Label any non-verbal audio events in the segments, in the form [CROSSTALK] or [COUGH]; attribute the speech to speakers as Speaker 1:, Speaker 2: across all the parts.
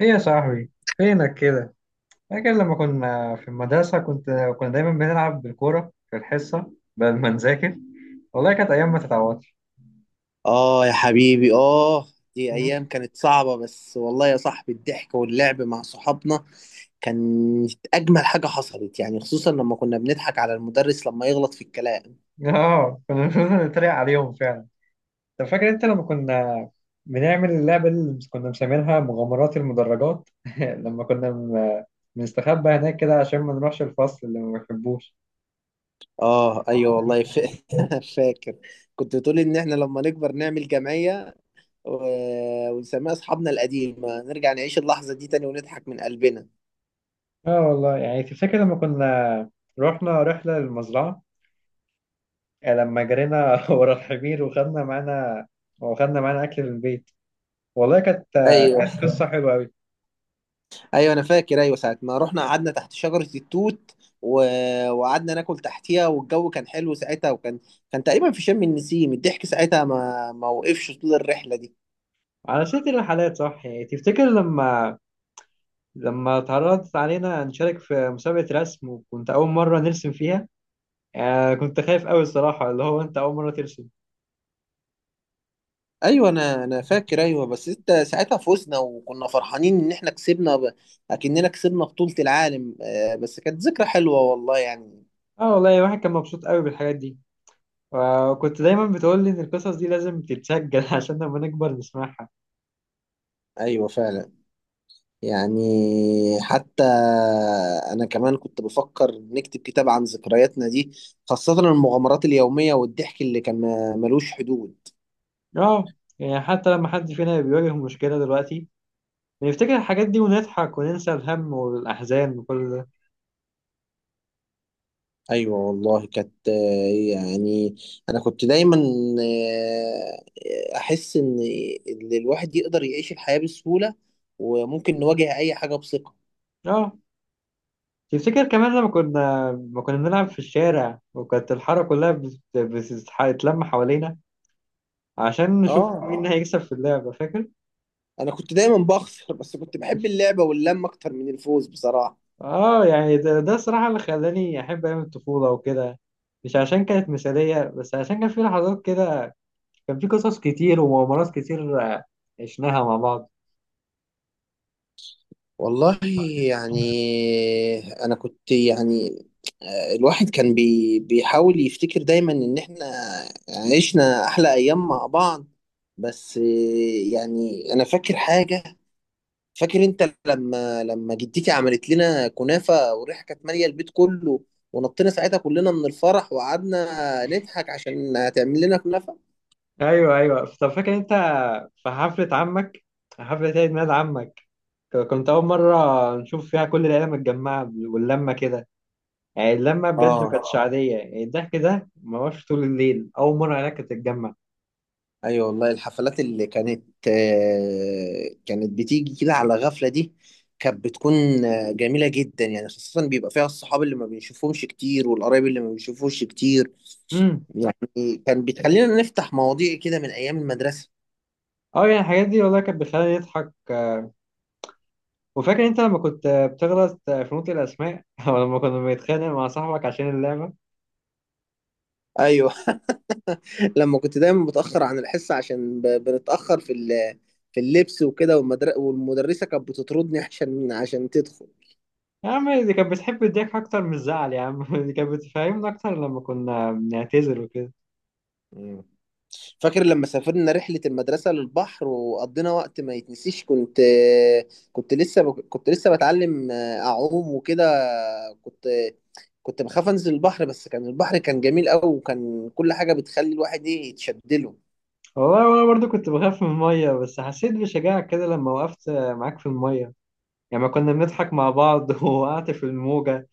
Speaker 1: ايه يا صاحبي؟ فينك كده؟ فاكر لما كنا في المدرسة كنا دايما بنلعب بالكورة في الحصة بدل ما نذاكر. والله كانت أيام ما تتعوضش.
Speaker 2: آه يا حبيبي، آه. دي أيام
Speaker 1: [LAUGHS]
Speaker 2: كانت صعبة، بس والله يا صاحبي الضحك واللعب مع صحابنا كانت أجمل حاجة حصلت، يعني خصوصا لما كنا بنضحك على المدرس لما يغلط في الكلام.
Speaker 1: اه، كنا بنفضل نتريق عليهم فعلا. طب فاكر انت لما كنا بنعمل اللعبة اللي كنا مسمينها مغامرات المدرجات. [LAUGHS] لما كنا بن- بنستخبى هناك كده عشان ما نروحش الفصل اللي ما بنحبوش.
Speaker 2: آه، أيوه، والله [LAUGHS] فاكر، كنت بتقول إن إحنا لما نكبر نعمل جمعية، و... ونسميها أصحابنا القديمة، نرجع نعيش اللحظة دي تاني ونضحك من قلبنا.
Speaker 1: اه والله، يعني تفتكر لما كنا رحنا رحلة للمزرعة؟ يعني لما جرينا [LAUGHS] ورا الحمير، وخدنا معانا أكل من البيت. والله كانت
Speaker 2: أيوه،
Speaker 1: كانت قصة حلوة أوي.
Speaker 2: ايوه، انا فاكر، ايوه. ساعه ما رحنا قعدنا تحت شجره التوت، و... وقعدنا ناكل تحتيها، والجو كان حلو ساعتها، وكان تقريبا في شم النسيم. الضحك ساعتها ما وقفش طول الرحله دي.
Speaker 1: على سيرة الرحلات، صح، يعني تفتكر لما اتعرضت علينا نشارك في مسابقة رسم، وكنت أول مرة نرسم فيها. آه، كنت خايف أوي الصراحة، اللي هو أنت أول مرة ترسم.
Speaker 2: ايوه، انا فاكر، ايوه، بس انت ساعتها فزنا وكنا فرحانين ان احنا كسبنا اكننا كسبنا بطوله العالم، بس كانت ذكرى حلوه والله يعني.
Speaker 1: اه والله، الواحد كان مبسوط أوي بالحاجات دي. وكنت دايما بتقول لي إن القصص دي لازم تتسجل [LAUGHS] عشان لما نكبر نسمعها.
Speaker 2: ايوه، فعلا، يعني حتى أنا كمان كنت بفكر نكتب كتاب عن ذكرياتنا دي، خاصة المغامرات اليومية والضحك اللي كان ملوش حدود.
Speaker 1: اه، يعني حتى لما حد فينا بيواجه مشكلة دلوقتي، نفتكر الحاجات دي ونضحك وننسى الهم والأحزان وكل ده.
Speaker 2: أيوة والله كانت، يعني أنا كنت دايما، أحس إن الواحد يقدر يعيش الحياة بسهولة، وممكن نواجه أي حاجة بثقة.
Speaker 1: اه، تفتكر كمان لما كنا ما كنا بنلعب في الشارع، وكانت الحارة كلها بتتلم حوالينا عشان نشوف
Speaker 2: آه،
Speaker 1: مين هيكسب في اللعبة، فاكر؟
Speaker 2: أنا كنت دايما بخسر، [LAUGHS] بس كنت بحب اللعبة واللمة أكتر من الفوز بصراحة.
Speaker 1: اه، يعني ده الصراحة اللي خلاني أحب أيام الطفولة وكده. مش عشان كانت مثالية، بس عشان كان في لحظات كده، كان في قصص كتير ومغامرات كتير، آه، عشناها مع بعض.
Speaker 2: والله يعني انا كنت يعني، الواحد كان بيحاول يفتكر دايما ان احنا عشنا احلى ايام مع بعض، بس يعني انا فاكر حاجة. فاكر انت لما جدتي عملت لنا كنافة، والريحة كانت مالية البيت كله، ونطينا ساعتها كلنا من الفرح وقعدنا نضحك عشان هتعمل لنا كنافة.
Speaker 1: ايوه، ايوه. طب فاكر انت في حفله عمك، حفله عيد ميلاد عمك؟ كنت اول مره نشوف فيها كل العيله متجمعه واللمه كده. يعني اللمه بجد ما
Speaker 2: اه،
Speaker 1: كانتش عاديه، يعني الضحك ده ما هوش طول الليل. اول مره العيله كانت تتجمع.
Speaker 2: ايوه، والله الحفلات اللي كانت، كانت بتيجي كده على غفلة، دي كانت بتكون جميلة جدا يعني، خاصة بيبقى فيها الصحاب اللي ما بنشوفهمش كتير والقرايب اللي ما بنشوفوش كتير.
Speaker 1: امم
Speaker 2: يعني كان بتخلينا نفتح مواضيع كده من ايام المدرسة.
Speaker 1: اه، يعني الحاجات دي والله كانت بتخليني اضحك. وفاكر انت لما كنت بتغلط في نطق الاسماء [LAUGHS] او لما كنا بنتخانق مع صاحبك عشان اللعبه.
Speaker 2: ايوه. [LAUGHS] لما كنت دايما بتأخر عن الحصة عشان بنتأخر في اللبس وكده، والمدرسة كانت بتطردني عشان تدخل.
Speaker 1: يا عم دي كانت بتحب الضحك اكتر من الزعل يا عم. [LAUGHS] دي كانت بتفهمنا اكتر لما كنا بنعتذر وكده.
Speaker 2: مم. فاكر لما سافرنا رحلة المدرسة للبحر، وقضينا وقت ما يتنسيش. كنت لسه بتعلم أعوم وكده. كنت كنت بخاف أنزل البحر، بس كان البحر كان جميل أوي، وكان كل حاجة بتخلي الواحد إيه يتشدله.
Speaker 1: والله وانا برضو كنت بخاف من الميه، بس حسيت بشجاعة كده لما وقفت معاك في الميه. يعني ما كنا بنضحك مع بعض، [LAUGHS] ووقعت في الموجة.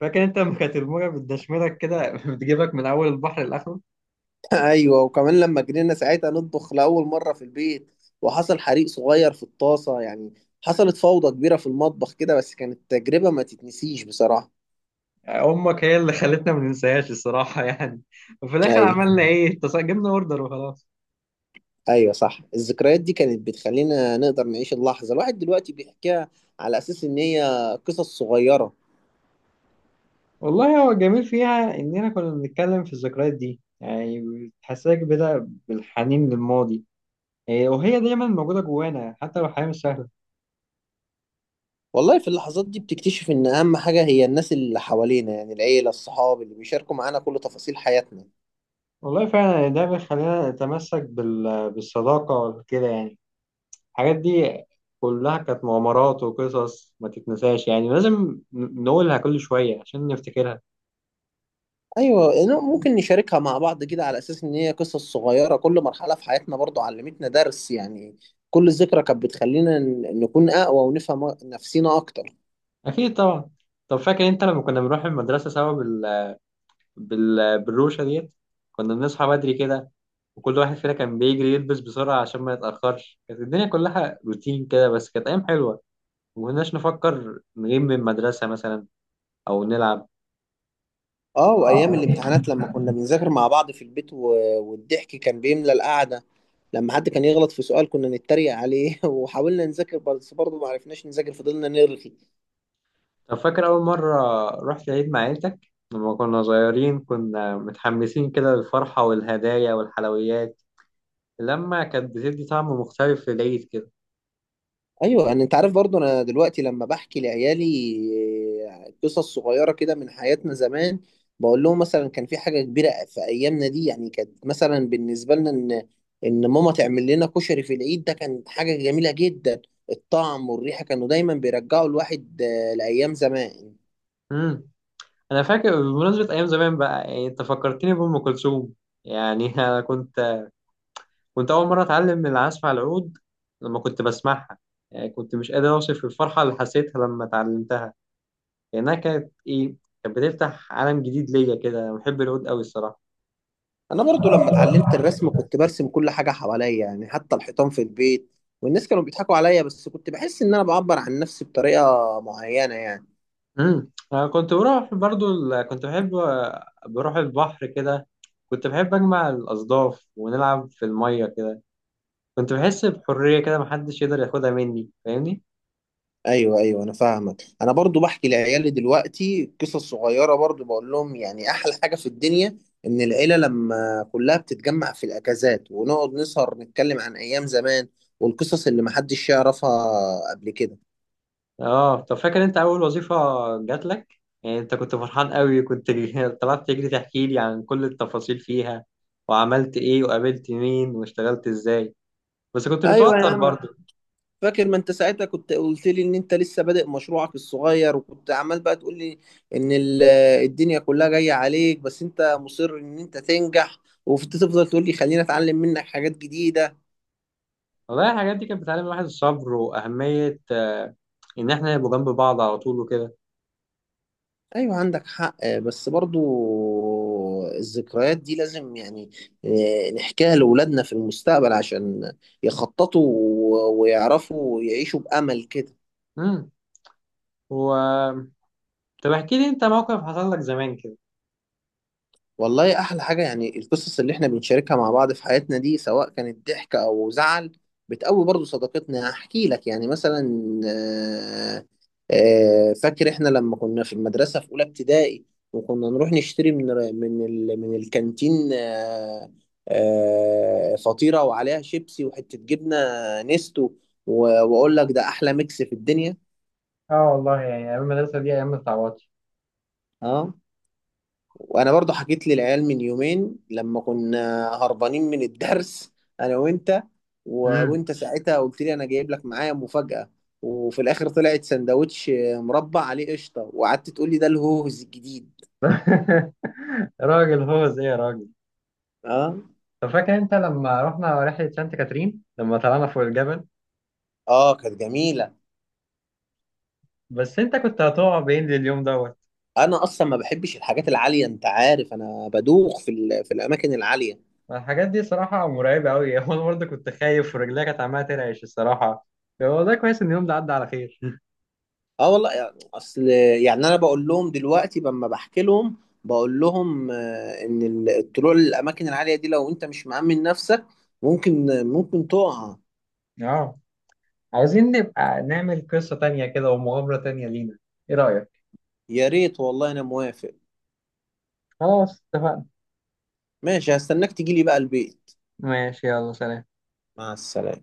Speaker 1: فاكر انت لما كانت الموجة بتدشملك كده، [LAUGHS] بتجيبك من اول البحر لاخره؟
Speaker 2: [LAUGHS] أيوه، وكمان لما جرينا ساعتها نطبخ لأول مرة في البيت، وحصل حريق صغير في الطاسة، يعني حصلت فوضى كبيرة في المطبخ كده، بس كانت تجربة ما تتنسيش بصراحة.
Speaker 1: امك هي اللي خلتنا ما ننساهاش الصراحة، يعني وفي الاخر
Speaker 2: أيوه،
Speaker 1: عملنا ايه، جبنا اوردر وخلاص.
Speaker 2: ايوه، صح. الذكريات دي كانت بتخلينا نقدر نعيش اللحظه، الواحد دلوقتي بيحكيها على اساس ان هي قصص صغيره.
Speaker 1: والله، هو الجميل فيها اننا كنا بنتكلم في الذكريات دي، يعني بتحسسك بدأ بالحنين للماضي، إيه، وهي دايما موجودة جوانا حتى لو الحياة مش سهلة.
Speaker 2: والله في اللحظات دي بتكتشف ان اهم حاجه هي الناس اللي حوالينا، يعني العيله، الصحاب اللي بيشاركوا معانا كل تفاصيل حياتنا.
Speaker 1: والله فعلا، يعني ده بيخلينا نتمسك بالصداقة كده، يعني الحاجات دي كلها كانت مغامرات وقصص ما تتنساش. يعني لازم نقولها كل شوية عشان نفتكرها.
Speaker 2: ايوه، إنه ممكن نشاركها مع بعض كده على اساس ان هي قصص صغيره، كل مرحله في حياتنا برضو علمتنا درس يعني، كل ذكرى كانت بتخلينا نكون اقوى ونفهم نفسينا اكتر.
Speaker 1: أكيد طبعا. طب فاكر أنت لما كنا بنروح المدرسة سوا بالروشة ديت؟ كنا بنصحى بدري كده، وكل واحد فينا كان بيجري يلبس بسرعة عشان ما يتأخرش. كانت الدنيا كلها روتين كده، بس كانت أيام حلوة. ما كناش نفكر نغيب من المدرسة مثلا، أو نلعب.
Speaker 2: اه، وايام الامتحانات لما كنا بنذاكر مع بعض في البيت والضحك كان بيملى القعده، لما حد كان يغلط في سؤال كنا نتريق عليه. [LAUGHS] وحاولنا نذاكر بس برضه ما عرفناش نذاكر، فضلنا نرغي.
Speaker 1: طب فاكر أول مرة رحت العيد مع عيلتك لما كنا صغيرين؟ كنا متحمسين كده للفرحة والهدايا والحلويات، لما كانت بتدي طعم مختلف في العيد كده.
Speaker 2: ايوه، انا انت عارف برضه انا دلوقتي لما بحكي لعيالي قصص صغيره كده من حياتنا زمان، بقول لهم مثلا كان في حاجه كبيره في ايامنا دي، يعني كانت مثلا بالنسبه لنا ان ماما تعمل لنا كشري في العيد ده كانت حاجه جميله جدا، الطعم والريحه كانوا دايما بيرجعوا الواحد لايام زمان.
Speaker 1: امم أنا فاكر بمناسبة أيام زمان بقى، يعني أنت فكرتني بأم كلثوم. يعني [LAUGHS] أنا كنت كنت أول مرة أتعلم العزف على العود لما كنت بسمعها. يعني كنت مش قادر أوصف الفرحة اللي حسيتها لما اتعلمتها، لأنها كانت إيه، كانت بتفتح عالم جديد ليا كده. أنا بحب العود أوي الصراحة.
Speaker 2: انا برضو لما اتعلمت الرسم كنت برسم كل حاجه حواليا، يعني حتى الحيطان في البيت، والناس كانوا بيضحكوا عليا، بس كنت بحس ان انا بعبر عن نفسي بطريقه معينه يعني.
Speaker 1: امم، أنا كنت بروح برضو ال... كنت بحب بروح البحر كده. كنت بحب أجمع الأصداف ونلعب في المية كده. كنت بحس بحرية كده محدش يقدر ياخدها مني، فاهمني؟
Speaker 2: ايوه، ايوه، انا فاهمك. انا برضو بحكي لعيالي دلوقتي قصص صغيره، برضو بقول لهم يعني احلى حاجه في الدنيا ان العيله لما كلها بتتجمع في الاجازات، ونقعد نسهر نتكلم عن ايام زمان والقصص اللي محدش يعرفها قبل كده.
Speaker 1: اه. طب فاكر أنت أول وظيفة جات لك؟ يعني أنت كنت فرحان قوي، كنت [LAUGHS] طلعت تجري تحكي لي عن كل التفاصيل فيها، وعملت إيه وقابلت مين واشتغلت إزاي. بس كنت
Speaker 2: ايوه يا
Speaker 1: متوتر
Speaker 2: عم،
Speaker 1: برضو.
Speaker 2: فاكر ما انت ساعتها كنت قلت لي ان انت لسه بادئ مشروعك الصغير، وكنت عمال بقى تقول لي ان الدنيا كلها جاية عليك، بس انت مصر ان انت تنجح، وتفضل تقول لي خلينا اتعلم منك حاجات جديدة.
Speaker 1: والله الحاجات دي كانت بتعلم الواحد الصبر وأهمية، آه، إن إحنا نبقى جنب بعض على طول وكده.
Speaker 2: ايوه، عندك حق، بس برضو الذكريات دي لازم يعني اه، نحكيها لأولادنا في المستقبل عشان يخططوا ويعرفوا يعيشوا بأمل كده.
Speaker 1: مم. و، طب احكي لي انت موقف حصل لك زمان كده.
Speaker 2: والله احلى حاجه يعني القصص اللي احنا بنشاركها مع بعض في حياتنا دي، سواء كانت ضحك او زعل، بتقوي برضو صداقتنا. احكي لك يعني مثلا، آه، فاكر احنا لما كنا في المدرسه في اولى ابتدائي، وكنا نروح نشتري من الكانتين، فطيره وعليها شيبسي وحته جبنه نستو، واقول لك ده احلى ميكس في الدنيا.
Speaker 1: اه والله، يعني ايام المدرسه دي ايام ما تتعوضش.
Speaker 2: اه، وانا برضو حكيت للعيال من يومين لما كنا هربانين من الدرس انا وانت،
Speaker 1: امم
Speaker 2: وانت ساعتها قلت لي انا جايب لك معايا مفاجأة، وفي الاخر طلعت سندوتش مربع عليه قشطة، وقعدت تقول لي ده الهوز الجديد.
Speaker 1: [LAUGHS] راجل هو زي يا راجل.
Speaker 2: اه.
Speaker 1: طب فاكر انت لما رحنا رحله سانت كاترين لما طلعنا فوق الجبل؟
Speaker 2: اه، كانت جميلة.
Speaker 1: بس انت كنت هتقع بين اليوم دوت.
Speaker 2: انا اصلا ما بحبش الحاجات العالية، انت عارف انا بدوخ في الاماكن العالية.
Speaker 1: الحاجات دي صراحه مرعبه قوي، [LAUGHS] وانا برضه كنت خايف ورجليا كانت عماله ترعش الصراحه. والله كويس ان اليوم ده عدى على خير.
Speaker 2: اه، والله يعني اصل، يعني انا بقول لهم دلوقتي لما بحكي لهم، بقول لهم ان الطلوع للاماكن العاليه دي لو انت مش مأمن نفسك، ممكن تقع.
Speaker 1: اه، عايزين نبقى نعمل قصه تانية كده ومغامره تانية لينا، ايه رايك؟
Speaker 2: يا ريت والله، انا موافق.
Speaker 1: خلاص اتفقنا.
Speaker 2: ماشي، هستناك تجيلي بقى البيت.
Speaker 1: ماشي، يلا سلام.
Speaker 2: مع السلامه.